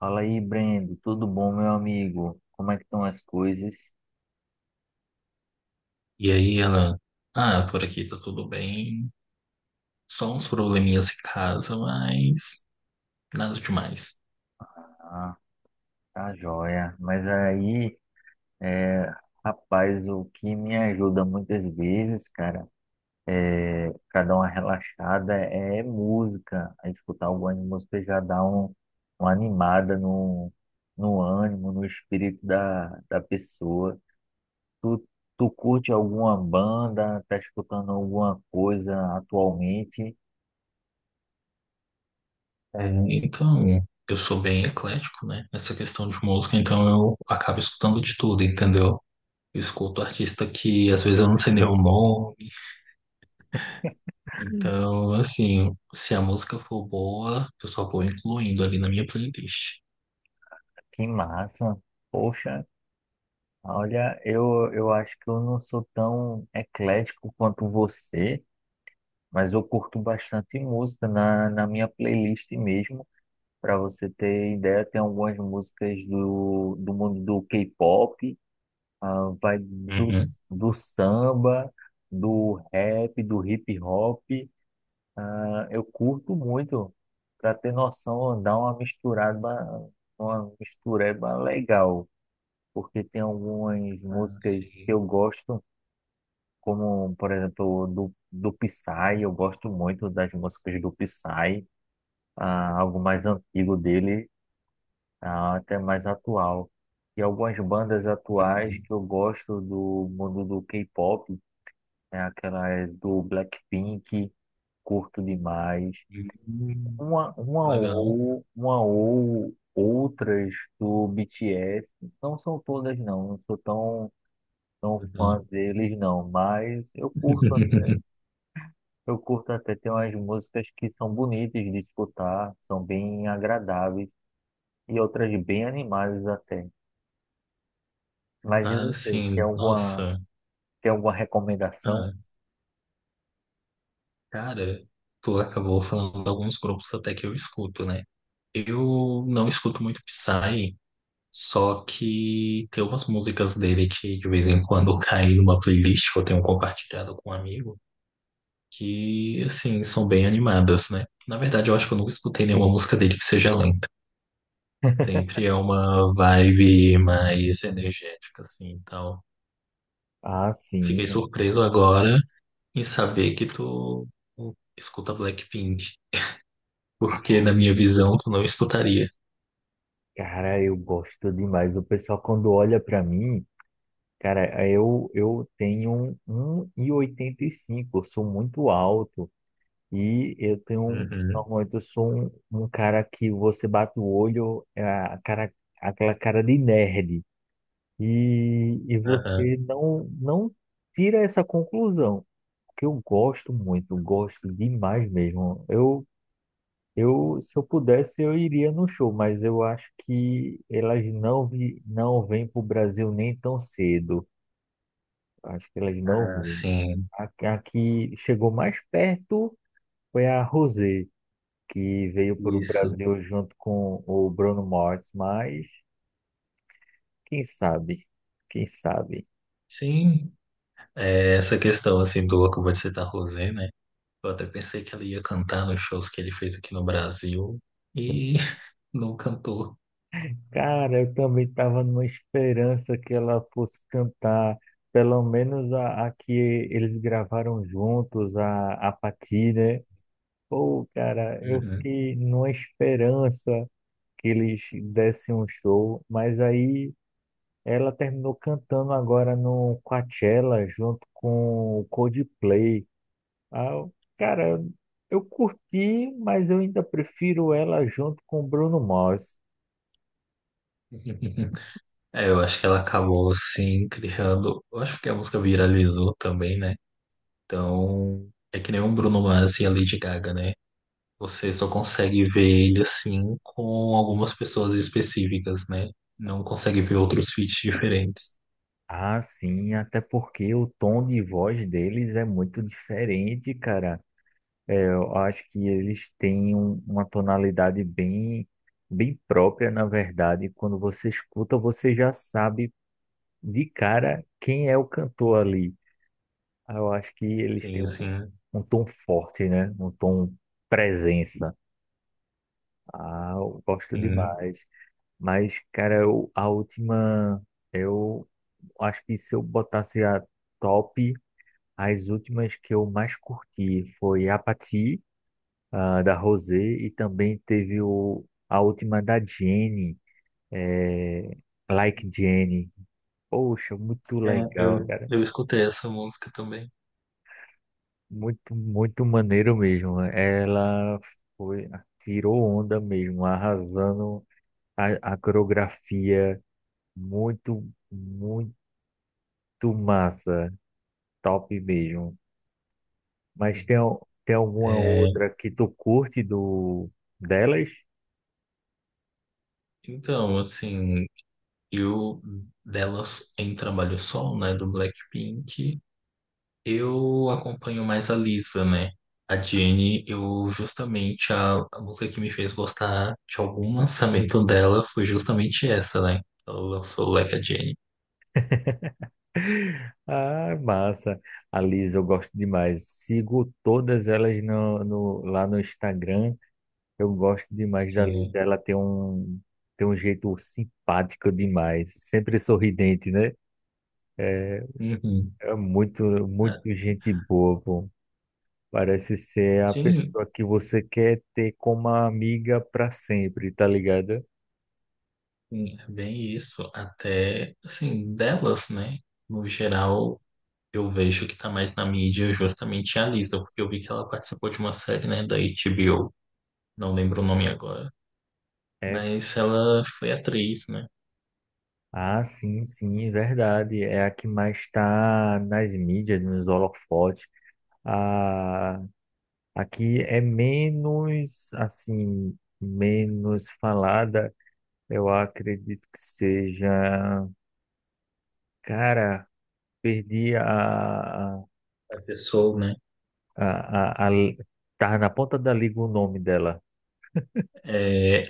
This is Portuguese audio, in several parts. Fala aí, Brendo. Tudo bom, meu amigo? Como é que estão as coisas? E aí ela, por aqui tá tudo bem, só uns probleminhas em casa, mas nada demais. Ah, tá joia. Mas aí, é, rapaz, o que me ajuda muitas vezes, cara, pra dar uma relaxada é música. A escutar alguma música já dá uma animada no ânimo, no espírito da pessoa. Tu, tu curte alguma banda? Tá escutando alguma coisa atualmente? É, então, eu sou bem eclético, né, nessa questão de música, então eu acabo escutando de tudo, entendeu? Eu escuto artista que às vezes eu não sei nem o nome, então, assim, se a música for boa, eu só vou incluindo ali na minha playlist. Que massa! Poxa. Olha, eu acho que eu não sou tão eclético quanto você, mas eu curto bastante música na minha playlist mesmo. Para você ter ideia, tem algumas músicas do mundo do K-pop, vai Uhum. do samba, do rap, do hip hop. Ah, eu curto muito. Para ter noção, dá uma misturada, uma mistureba legal, porque tem algumas Ah, músicas que sim. eu gosto, como, por exemplo, do Psy. Eu gosto muito das músicas do Psy, algo mais antigo dele, até mais atual. E algumas bandas atuais Uhum. que eu gosto do mundo do K-pop é aquelas do Blackpink, curto demais. Hum. Uma, uma Legal. ou, uma ou outras do BTS. Não são todas não, não sou tão fã Legal. deles não, mas eu curto. Eu curto até, ter umas músicas que são bonitas de escutar, são bem agradáveis e outras bem animadas até. Mas e Ah, você, sim, nossa. tem alguma recomendação? Ah, cara, tu acabou falando de alguns grupos até que eu escuto, né? Eu não escuto muito Psy, só que tem umas músicas dele que de vez em quando caem numa playlist que eu tenho compartilhado com um amigo, que, assim, são bem animadas, né? Na verdade, eu acho que eu nunca escutei nenhuma música dele que seja lenta. Sempre é uma vibe mais energética, assim, e tal. Ah, Fiquei sim, surpreso agora em saber que tu escuta Blackpink, porque na minha visão tu não escutaria. cara, eu gosto demais. O pessoal quando olha pra mim, cara, eu tenho um e oitenta e cinco. Eu sou muito alto e eu tenho, Uhum, normalmente eu sou um cara que você bate o olho, é a cara, aquela cara de nerd. E aham. você não tira essa conclusão, porque eu gosto muito, gosto demais mesmo. Se eu pudesse, eu iria no show, mas eu acho que elas não vêm para o Brasil nem tão cedo. Acho que elas não Ah, vêm. sim, A, a que chegou mais perto foi a Rosé, que veio para o isso. Brasil junto com o Bruno Mars, mas quem sabe, quem sabe. Sim, é, essa questão assim do Louco Vou Te Citar Rosé, né? Eu até pensei que ela ia cantar nos shows que ele fez aqui no Brasil e não cantou. Cara, eu também estava numa esperança que ela fosse cantar, pelo menos a que eles gravaram juntos, a Patti, né? Pô, cara, eu Uhum. fiquei numa esperança que eles dessem um show, mas aí ela terminou cantando agora no Coachella junto com o Coldplay. Ah, cara, eu curti, mas eu ainda prefiro ela junto com o Bruno Mars. É, eu acho que ela acabou assim criando. Eu acho que a música viralizou também, né? Então, é que nem o Bruno Mars e a Lady Gaga, né? Você só consegue ver ele assim com algumas pessoas específicas, né? Não consegue ver outros feats diferentes. Ah, sim, até porque o tom de voz deles é muito diferente, cara. É, eu acho que eles têm uma tonalidade bem, bem própria, na verdade. Quando você escuta, você já sabe de cara quem é o cantor ali. Ah, eu acho que eles têm Sim, sim, um tom forte, né? Um tom presença. Ah, eu gosto sim. demais. Mas, cara, eu- a última, eu acho que se eu botasse a top. As últimas que eu mais curti foi Apathy, da Rosé, e também teve a última da Jenny, eh, Like Jenny. Poxa, muito É, legal, eu, cara. eu escutei essa música também. Muito, muito maneiro mesmo. Ela foi, tirou onda mesmo, arrasando a coreografia. Muito, muito massa. Top mesmo. Mas tem alguma É, outra que tu curte do delas? Assim, eu delas em Trabalho Solo, né, do Blackpink, eu acompanho mais a Lisa, né? A Jennie, eu justamente a música que me fez gostar de algum lançamento dela foi justamente essa, né? Ela lançou Like a Jennie. Ah, massa. A Liz, eu gosto demais. Sigo todas elas lá no Instagram. Eu gosto demais da Liz. Sim. Ela tem tem um jeito simpático demais. Sempre sorridente, né? Uhum. É muito, Ah, muito gente boa, pô. Parece ser a sim, pessoa que você quer ter como amiga para sempre, tá ligado? sim, é bem isso. Até, assim, delas, né? No geral, eu vejo que tá mais na mídia justamente a Lisa, porque eu vi que ela participou de uma série, né, da HBO, não lembro o nome agora, É. mas ela foi atriz, né? Ah, sim, sim, verdade. É a que mais está nas mídias, nos holofotes. Ah, aqui é menos, assim, menos falada. Eu acredito que seja. Cara, perdi A pessoa, né? a, a, a- tá na ponta da língua o nome dela. É,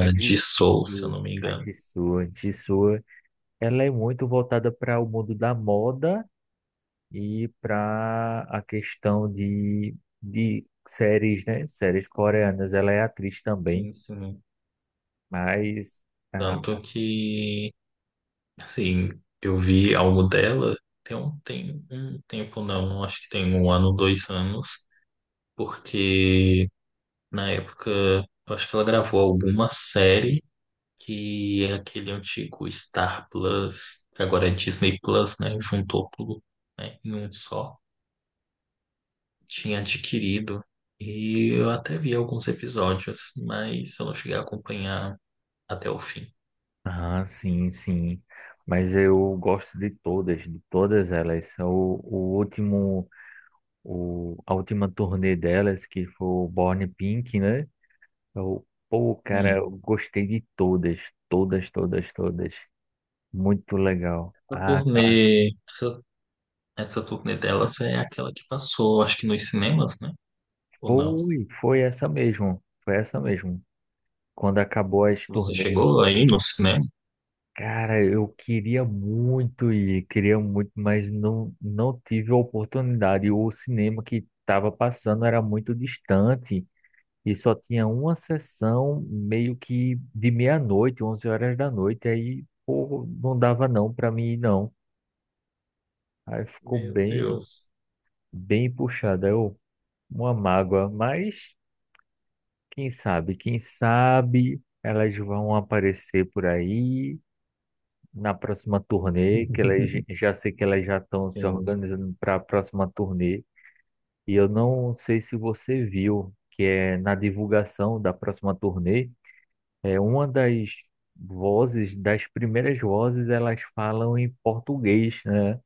A de de Soul, se eu não me a engano. Jisoo, Jisoo, ela é muito voltada para o mundo da moda e para a questão de séries, né? Séries coreanas. Ela é atriz também, Sim, sim. mas, ah, Tanto que, assim, eu vi algo dela tem um tempo, não, acho que tem um ano, dois anos porque na época eu acho que ela gravou alguma série que é aquele antigo Star Plus, que agora é Disney Plus, né? Juntou tudo, né, em um só. Tinha adquirido e eu até vi alguns episódios, mas eu não cheguei a acompanhar até o fim. ah, sim, sim. Mas eu gosto de todas elas. É a última turnê delas, que foi o Born Pink, né? Eu, pô, cara, Hum. eu gostei de todas, todas. Muito legal. Essa Ah, cara, turnê, essa, essa turnê delas é aquela que passou, acho que nos cinemas, né? Ou não? foi, foi essa mesmo, foi essa mesmo. Quando acabou as Você turnês, chegou aí no cinema? cara, eu queria muito ir, queria muito, mas não tive a oportunidade. O cinema que estava passando era muito distante e só tinha uma sessão meio que de meia-noite, 11 horas da noite. Aí, pô, não dava não para mim ir, não. Aí ficou Meu bem, Deus. bem puxado. Uma mágoa, mas quem sabe elas vão aparecer por aí na próxima turnê, que elas já sei que elas já estão se Sim. organizando para a próxima turnê. E eu não sei se você viu que é na divulgação da próxima turnê, é uma das primeiras vozes, elas falam em português, né?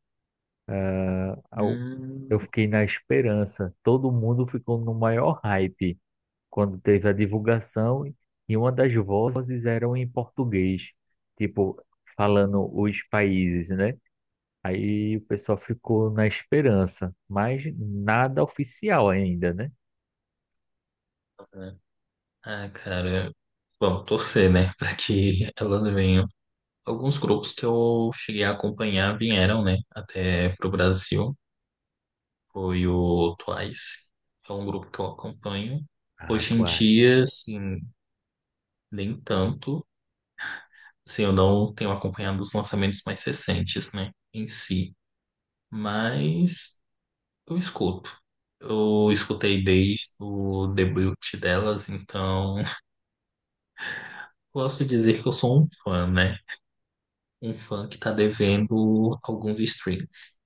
Au- eu Hum, fiquei na esperança. Todo mundo ficou no maior hype quando teve a divulgação e uma das vozes eram em português, tipo falando os países, né? Aí o pessoal ficou na esperança, mas nada oficial ainda, né? aham. Ah, cara. Bom, torcer, né? Para que elas venham. Alguns grupos que eu cheguei a acompanhar vieram, né? Até pro Brasil. Foi o Twice, que é um grupo que eu acompanho. Ah, Hoje em atuar. dia, assim, nem tanto. Assim, eu não tenho acompanhado os lançamentos mais recentes, né? Em si. Mas eu escuto. Eu escutei desde o debut delas, então posso dizer que eu sou um fã, né? Um fã que tá devendo alguns streams.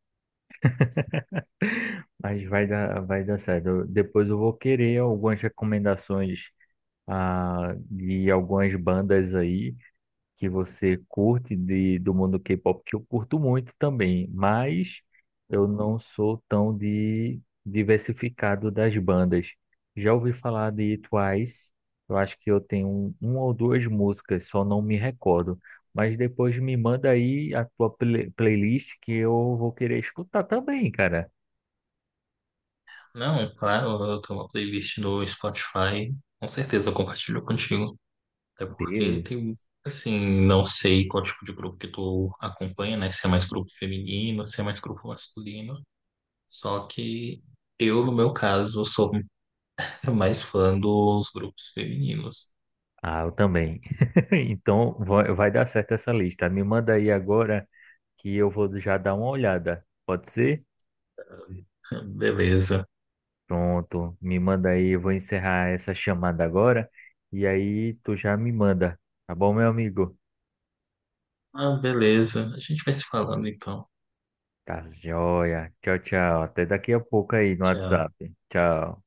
Mas vai dar certo. Depois eu vou querer algumas recomendações, de algumas bandas aí que você curte do mundo K-pop, que eu curto muito também, mas eu não sou tão de diversificado das bandas. Já ouvi falar de Twice, eu acho que eu tenho uma ou duas músicas, só não me recordo. Mas depois me manda aí a tua playlist que eu vou querer escutar também, cara. Não, claro, eu tenho uma playlist no Spotify. Com certeza eu compartilho contigo. Até porque Beleza. tem, assim, não sei qual tipo de grupo que tu acompanha, né? Se é mais grupo feminino, se é mais grupo masculino. Só que eu, no meu caso, sou mais fã dos grupos femininos. Ah, eu também. Então vai dar certo essa lista. Me manda aí agora que eu vou já dar uma olhada. Pode ser? Beleza. Pronto, me manda aí, eu vou encerrar essa chamada agora e aí tu já me manda, tá bom, meu amigo? Ah, beleza. A gente vai se falando então. Tá joia. Tchau, tchau. Até daqui a pouco aí no Tchau. WhatsApp. Tchau.